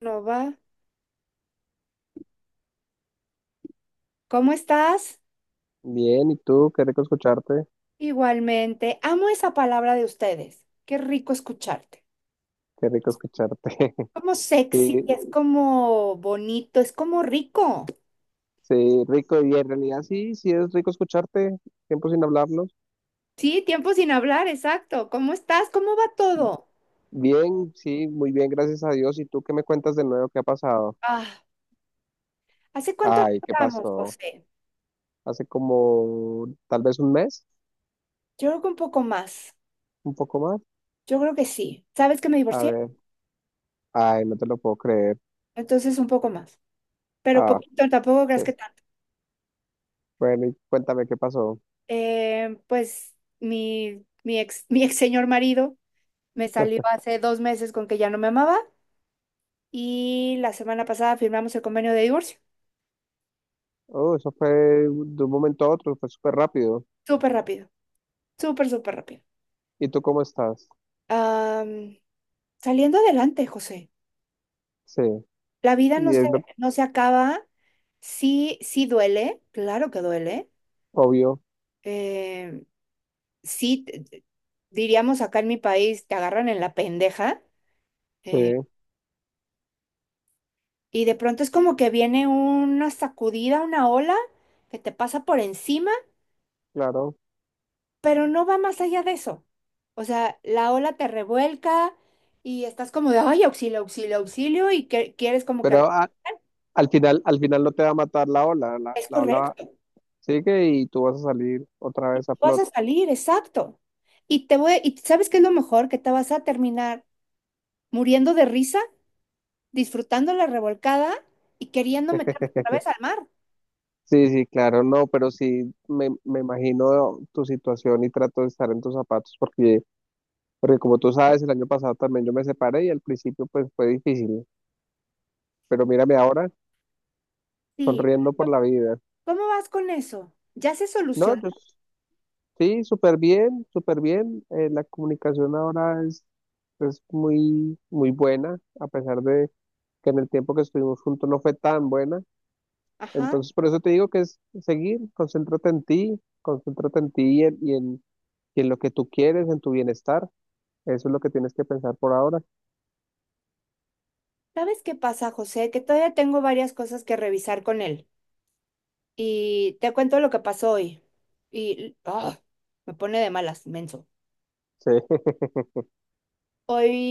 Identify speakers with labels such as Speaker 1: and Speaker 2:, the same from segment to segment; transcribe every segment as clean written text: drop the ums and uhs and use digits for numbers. Speaker 1: No va. ¿Cómo estás?
Speaker 2: Bien, ¿y tú? Qué rico escucharte,
Speaker 1: Igualmente. Amo esa palabra de ustedes. Qué rico escucharte.
Speaker 2: qué rico escucharte.
Speaker 1: Como sexy,
Speaker 2: Sí,
Speaker 1: es como bonito, es como rico.
Speaker 2: sí, rico, y en realidad sí, sí es rico escucharte, tiempo sin hablarnos.
Speaker 1: Sí, tiempo sin hablar, exacto. ¿Cómo estás? ¿Cómo va todo?
Speaker 2: Bien, sí, muy bien, gracias a Dios. ¿Y tú qué me cuentas de nuevo? ¿Qué ha pasado?
Speaker 1: Ah, ¿Hace cuánto no
Speaker 2: Ay, ¿qué
Speaker 1: hablamos,
Speaker 2: pasó?
Speaker 1: José?
Speaker 2: Hace como tal vez un mes,
Speaker 1: Yo creo que un poco más.
Speaker 2: un poco más.
Speaker 1: Yo creo que sí. ¿Sabes que me
Speaker 2: A
Speaker 1: divorcié?
Speaker 2: ver, ay, no te lo puedo creer.
Speaker 1: Entonces un poco más. Pero
Speaker 2: Ah,
Speaker 1: poquito, tampoco
Speaker 2: sí.
Speaker 1: creas que tanto.
Speaker 2: Bueno, y cuéntame qué pasó.
Speaker 1: Pues mi ex, mi ex señor marido me salió hace dos meses con que ya no me amaba, y la semana pasada firmamos el convenio de divorcio.
Speaker 2: Oh, eso fue de un momento a otro, fue súper rápido.
Speaker 1: Súper rápido, súper rápido.
Speaker 2: ¿Y tú cómo estás?
Speaker 1: Am, saliendo adelante, José.
Speaker 2: Sí,
Speaker 1: La vida no
Speaker 2: y
Speaker 1: se,
Speaker 2: es lo
Speaker 1: no se acaba. Sí, sí duele, claro que duele.
Speaker 2: obvio,
Speaker 1: Eh, sí, diríamos acá en mi país, te agarran en la pendeja.
Speaker 2: sí,
Speaker 1: eh, y de pronto es como que viene una sacudida, una ola que te pasa por encima,
Speaker 2: claro.
Speaker 1: pero no va más allá de eso. O sea, la ola te revuelca y estás como de, ay, auxilio, auxilio, auxilio, y que quieres como que
Speaker 2: Pero al final no te va a matar la ola, la,
Speaker 1: es
Speaker 2: la ola
Speaker 1: correcto,
Speaker 2: sigue y tú vas a salir otra vez a
Speaker 1: vas a
Speaker 2: flote.
Speaker 1: salir, exacto. Y ¿sabes qué es lo mejor? Que te vas a terminar muriendo de risa, disfrutando la revolcada y queriendo meterte otra vez al mar.
Speaker 2: Sí, sí, claro, no, pero sí me imagino tu situación y trato de estar en tus zapatos porque, porque como tú sabes, el año pasado también yo me separé y al principio pues fue difícil, pero mírame ahora
Speaker 1: Sí,
Speaker 2: sonriendo por la vida.
Speaker 1: ¿cómo vas con eso? Ya se
Speaker 2: No,
Speaker 1: solucionó.
Speaker 2: sí, súper bien, súper bien. La comunicación ahora es muy, muy buena, a pesar de que en el tiempo que estuvimos juntos no fue tan buena.
Speaker 1: Ajá.
Speaker 2: Entonces, por eso te digo que es seguir, concéntrate en ti y en lo que tú quieres, en tu bienestar. Eso es lo que tienes que pensar por ahora.
Speaker 1: ¿Sabes qué pasa, José? Que todavía tengo varias cosas que revisar con él. Y te cuento lo que pasó hoy. Y ah, Me pone de malas, menso.
Speaker 2: Sí,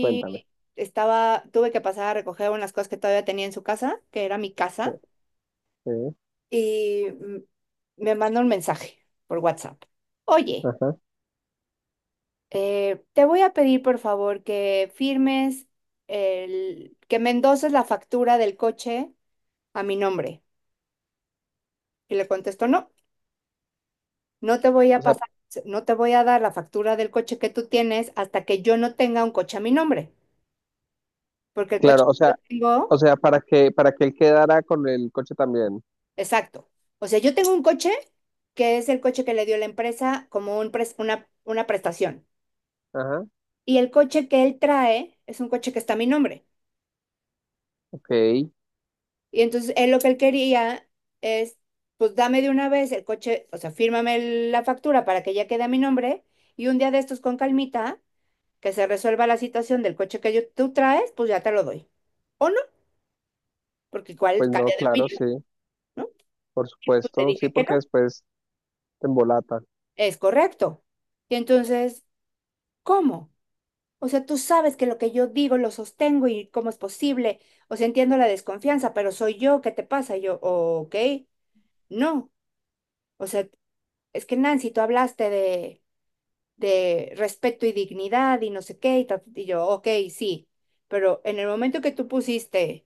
Speaker 2: cuéntame.
Speaker 1: estaba, tuve que pasar a recoger unas cosas que todavía tenía en su casa, que era mi
Speaker 2: Sí,
Speaker 1: casa,
Speaker 2: sí,
Speaker 1: y me mandó un mensaje por WhatsApp. Oye,
Speaker 2: ajá.
Speaker 1: te voy a pedir por favor que firmes que me endoses la factura del coche a mi nombre. Y le contesto, no. No te voy a
Speaker 2: O sea,
Speaker 1: pasar, no te voy a dar la factura del coche que tú tienes hasta que yo no tenga un coche a mi nombre, porque el coche
Speaker 2: claro, o
Speaker 1: que
Speaker 2: sea,
Speaker 1: yo tengo,
Speaker 2: o sea, para que él quedara con el coche también.
Speaker 1: exacto. O sea, yo tengo un coche que es el coche que le dio la empresa como un una prestación.
Speaker 2: Ajá,
Speaker 1: Y el coche que él trae es un coche que está a mi nombre.
Speaker 2: ok.
Speaker 1: Y entonces él lo que él quería es, pues dame de una vez el coche, o sea, fírmame la factura para que ya quede a mi nombre y un día de estos con calmita que se resuelva la situación del coche que yo, tú traes, pues ya te lo doy. O no, porque igual
Speaker 2: Pues no,
Speaker 1: cambia de
Speaker 2: claro,
Speaker 1: opinión,
Speaker 2: sí,
Speaker 1: ¿no?
Speaker 2: por
Speaker 1: Y pues te
Speaker 2: supuesto, sí,
Speaker 1: dije que
Speaker 2: porque
Speaker 1: no,
Speaker 2: después te embolata.
Speaker 1: es correcto. Y entonces, ¿cómo? O sea, tú sabes que lo que yo digo lo sostengo y cómo es posible. O sea, entiendo la desconfianza, pero soy yo, ¿qué te pasa? Y yo, ok, no. O sea, es que Nancy, tú hablaste de respeto y dignidad y no sé qué, y, y yo, ok, sí. Pero en el momento que tú pusiste,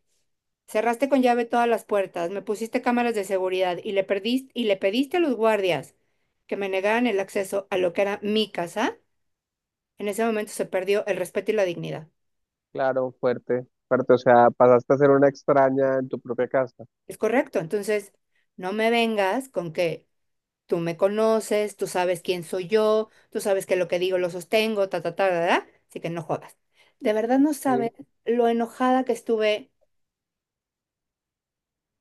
Speaker 1: cerraste con llave todas las puertas, me pusiste cámaras de seguridad y le pediste a los guardias que me negaran el acceso a lo que era mi casa. En ese momento se perdió el respeto y la dignidad.
Speaker 2: Claro, fuerte, fuerte. O sea, pasaste a ser una extraña en tu propia casa.
Speaker 1: Es correcto. Entonces, no me vengas con que tú me conoces, tú sabes quién soy yo, tú sabes que lo que digo lo sostengo, ta, ta, ta, ta, ta. Así que no jodas. De verdad no sabes
Speaker 2: Sí,
Speaker 1: lo enojada que estuve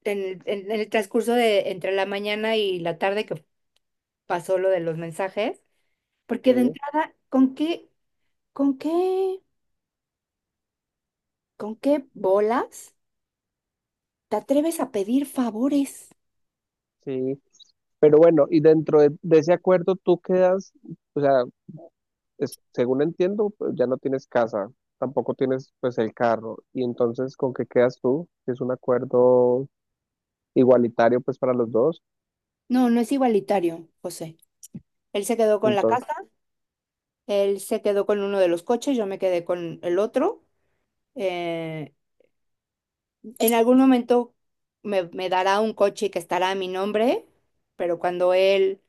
Speaker 1: en el transcurso de entre la mañana y la tarde que pasó lo de los mensajes. Porque de
Speaker 2: sí,
Speaker 1: entrada, con qué, ¿con qué bolas te atreves a pedir favores?
Speaker 2: sí. Pero bueno, y dentro de ese acuerdo tú quedas, o sea, según entiendo, pues, ya no tienes casa, tampoco tienes pues el carro, y entonces ¿con qué quedas tú? Si es un acuerdo igualitario pues para los dos,
Speaker 1: No, no es igualitario, José. Él se quedó con la casa,
Speaker 2: entonces,
Speaker 1: él se quedó con uno de los coches, yo me quedé con el otro. Eh, en algún momento me dará un coche que estará a mi nombre, pero cuando él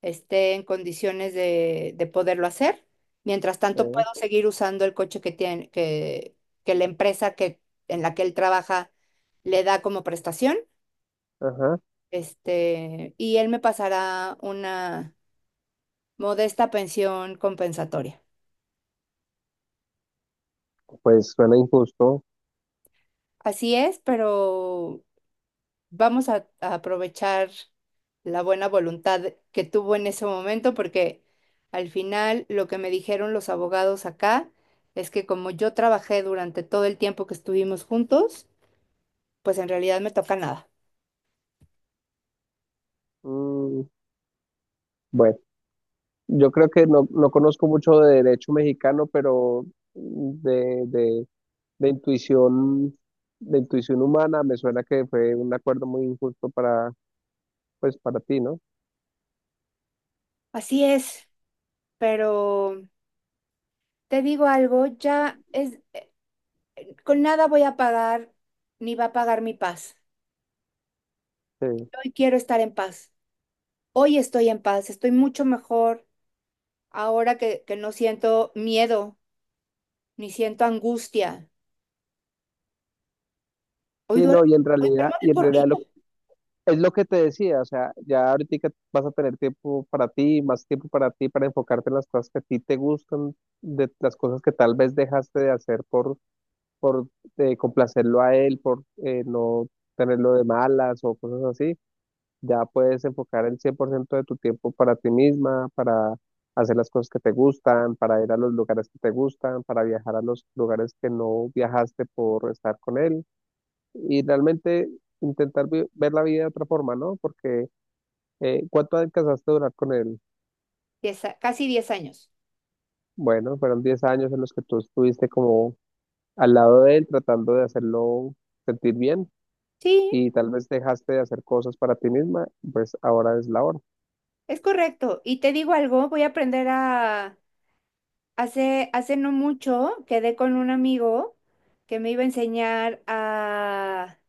Speaker 1: esté en condiciones de poderlo hacer. Mientras tanto, puedo seguir usando el coche que tiene, que la empresa en la que él trabaja le da como prestación.
Speaker 2: ajá,
Speaker 1: Y él me pasará una modesta pensión compensatoria.
Speaker 2: pues suena injusto.
Speaker 1: Así es, pero vamos a aprovechar la buena voluntad que tuvo en ese momento, porque al final lo que me dijeron los abogados acá es que como yo trabajé durante todo el tiempo que estuvimos juntos, pues en realidad me toca nada.
Speaker 2: Mm. Bueno, yo creo que no conozco mucho de derecho mexicano, pero de, de, de intuición, de intuición humana me suena que fue un acuerdo muy injusto pues para ti, ¿no?
Speaker 1: Así es, pero te digo algo, ya es, con nada voy a pagar ni va a pagar mi paz.
Speaker 2: Sí.
Speaker 1: Hoy quiero estar en paz. Hoy estoy en paz, estoy mucho mejor ahora que no siento miedo ni siento angustia. Hoy
Speaker 2: Sí, no,
Speaker 1: duermo,
Speaker 2: y en
Speaker 1: hoy duermo
Speaker 2: realidad,
Speaker 1: de
Speaker 2: y en realidad
Speaker 1: corrido.
Speaker 2: es lo que te decía, o sea, ya ahorita vas a tener tiempo para ti, más tiempo para ti, para enfocarte en las cosas que a ti te gustan, de las cosas que tal vez dejaste de hacer por complacerlo a él, por no tenerlo de malas o cosas así. Ya puedes enfocar el 100% de tu tiempo para ti misma, para hacer las cosas que te gustan, para ir a los lugares que te gustan, para viajar a los lugares que no viajaste por estar con él y realmente intentar ver la vida de otra forma, ¿no? Porque ¿cuánto alcanzaste a durar con él?
Speaker 1: Casi 10 años.
Speaker 2: Bueno, fueron 10 años en los que tú estuviste como al lado de él tratando de hacerlo sentir bien
Speaker 1: Sí,
Speaker 2: y tal vez dejaste de hacer cosas para ti misma, pues ahora es la hora.
Speaker 1: es correcto. Y te digo algo, voy a aprender a... Hace no mucho quedé con un amigo que me iba a enseñar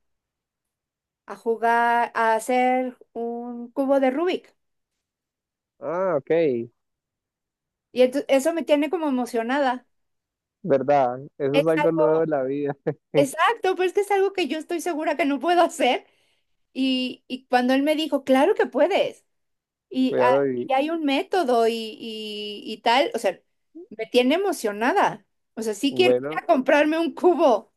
Speaker 1: a jugar, a hacer un cubo de Rubik.
Speaker 2: Ah, ok,
Speaker 1: Y eso me tiene como emocionada.
Speaker 2: verdad, eso
Speaker 1: Es
Speaker 2: es algo
Speaker 1: algo,
Speaker 2: nuevo de la vida,
Speaker 1: exacto, pero es que es algo que yo estoy segura que no puedo hacer. Y cuando él me dijo, claro que puedes. Y, ah,
Speaker 2: claro, y
Speaker 1: y hay un método y tal, o sea, me tiene emocionada. O sea, sí quiero ir
Speaker 2: bueno,
Speaker 1: a comprarme un cubo,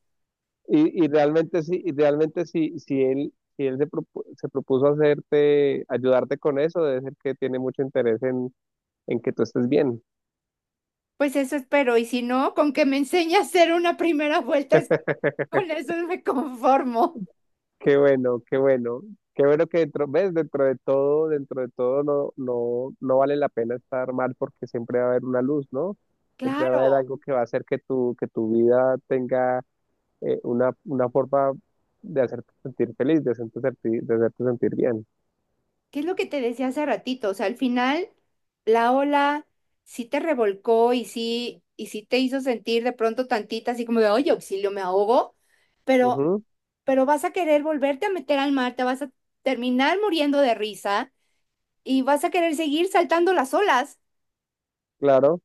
Speaker 2: y realmente sí, y realmente sí, si él... Si él se propuso hacerte, ayudarte con eso, debe ser que tiene mucho interés en que tú estés bien.
Speaker 1: pues eso espero. Y si no, con que me enseñe a hacer una primera vuelta, con eso me conformo.
Speaker 2: Qué bueno, qué bueno. Qué bueno que dentro, ves, dentro de todo no, no, no vale la pena estar mal porque siempre va a haber una luz, ¿no? Siempre va a haber
Speaker 1: Claro.
Speaker 2: algo que va a hacer que tu vida tenga una forma de hacerte sentir feliz, de hacerte sentir bien.
Speaker 1: ¿Qué es lo que te decía hace ratito? O sea, al final la ola sí te revolcó y sí te hizo sentir de pronto tantita así como de, oye, auxilio, me ahogo, pero,
Speaker 2: Ujú,
Speaker 1: pero vas a querer volverte a meter al mar, te vas a terminar muriendo de risa y vas a querer seguir saltando las olas.
Speaker 2: claro.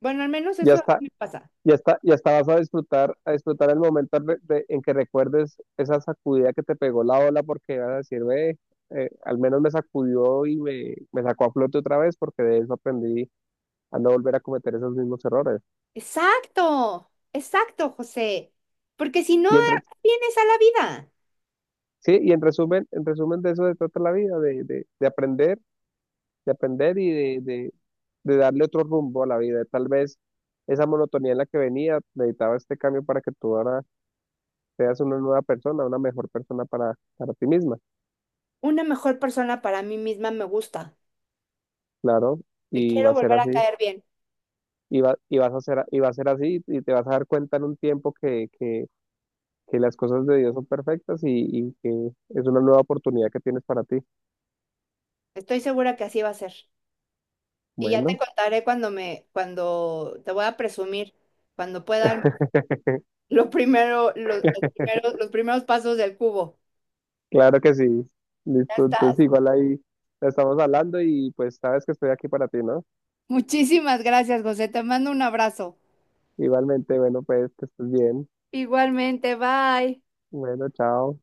Speaker 1: Bueno, al menos
Speaker 2: Y
Speaker 1: eso
Speaker 2: hasta,
Speaker 1: me pasa.
Speaker 2: y hasta vas a disfrutar el momento en que recuerdes esa sacudida que te pegó la ola porque vas a decir, ve, al menos me sacudió y me sacó a flote otra vez porque de eso aprendí a no volver a cometer esos mismos errores.
Speaker 1: Exacto, exacto, José. Porque si no,
Speaker 2: Y entre,
Speaker 1: vienes a la vida.
Speaker 2: sí, y en resumen de eso se trata la vida, de aprender, de aprender y de darle otro rumbo a la vida. Tal vez esa monotonía en la que venía necesitaba este cambio para que tú ahora seas una nueva persona, una mejor persona para ti misma.
Speaker 1: Una mejor persona para mí misma me gusta.
Speaker 2: Claro,
Speaker 1: Me
Speaker 2: y va
Speaker 1: quiero
Speaker 2: a ser
Speaker 1: volver a
Speaker 2: así,
Speaker 1: caer bien.
Speaker 2: y vas a ser, y va a ser así, y te vas a dar cuenta en un tiempo que las cosas de Dios son perfectas y que es una nueva oportunidad que tienes para ti.
Speaker 1: Estoy segura que así va a ser. Y ya te
Speaker 2: Bueno,
Speaker 1: contaré cuando te voy a presumir, cuando pueda dar lo primero, los primeros pasos del cubo.
Speaker 2: claro que sí.
Speaker 1: Ya
Speaker 2: Listo,
Speaker 1: estás.
Speaker 2: entonces igual ahí estamos hablando y pues sabes que estoy aquí para ti, ¿no?
Speaker 1: Muchísimas gracias, José. Te mando un abrazo.
Speaker 2: Igualmente, bueno, pues que estés bien.
Speaker 1: Igualmente, bye.
Speaker 2: Bueno, chao.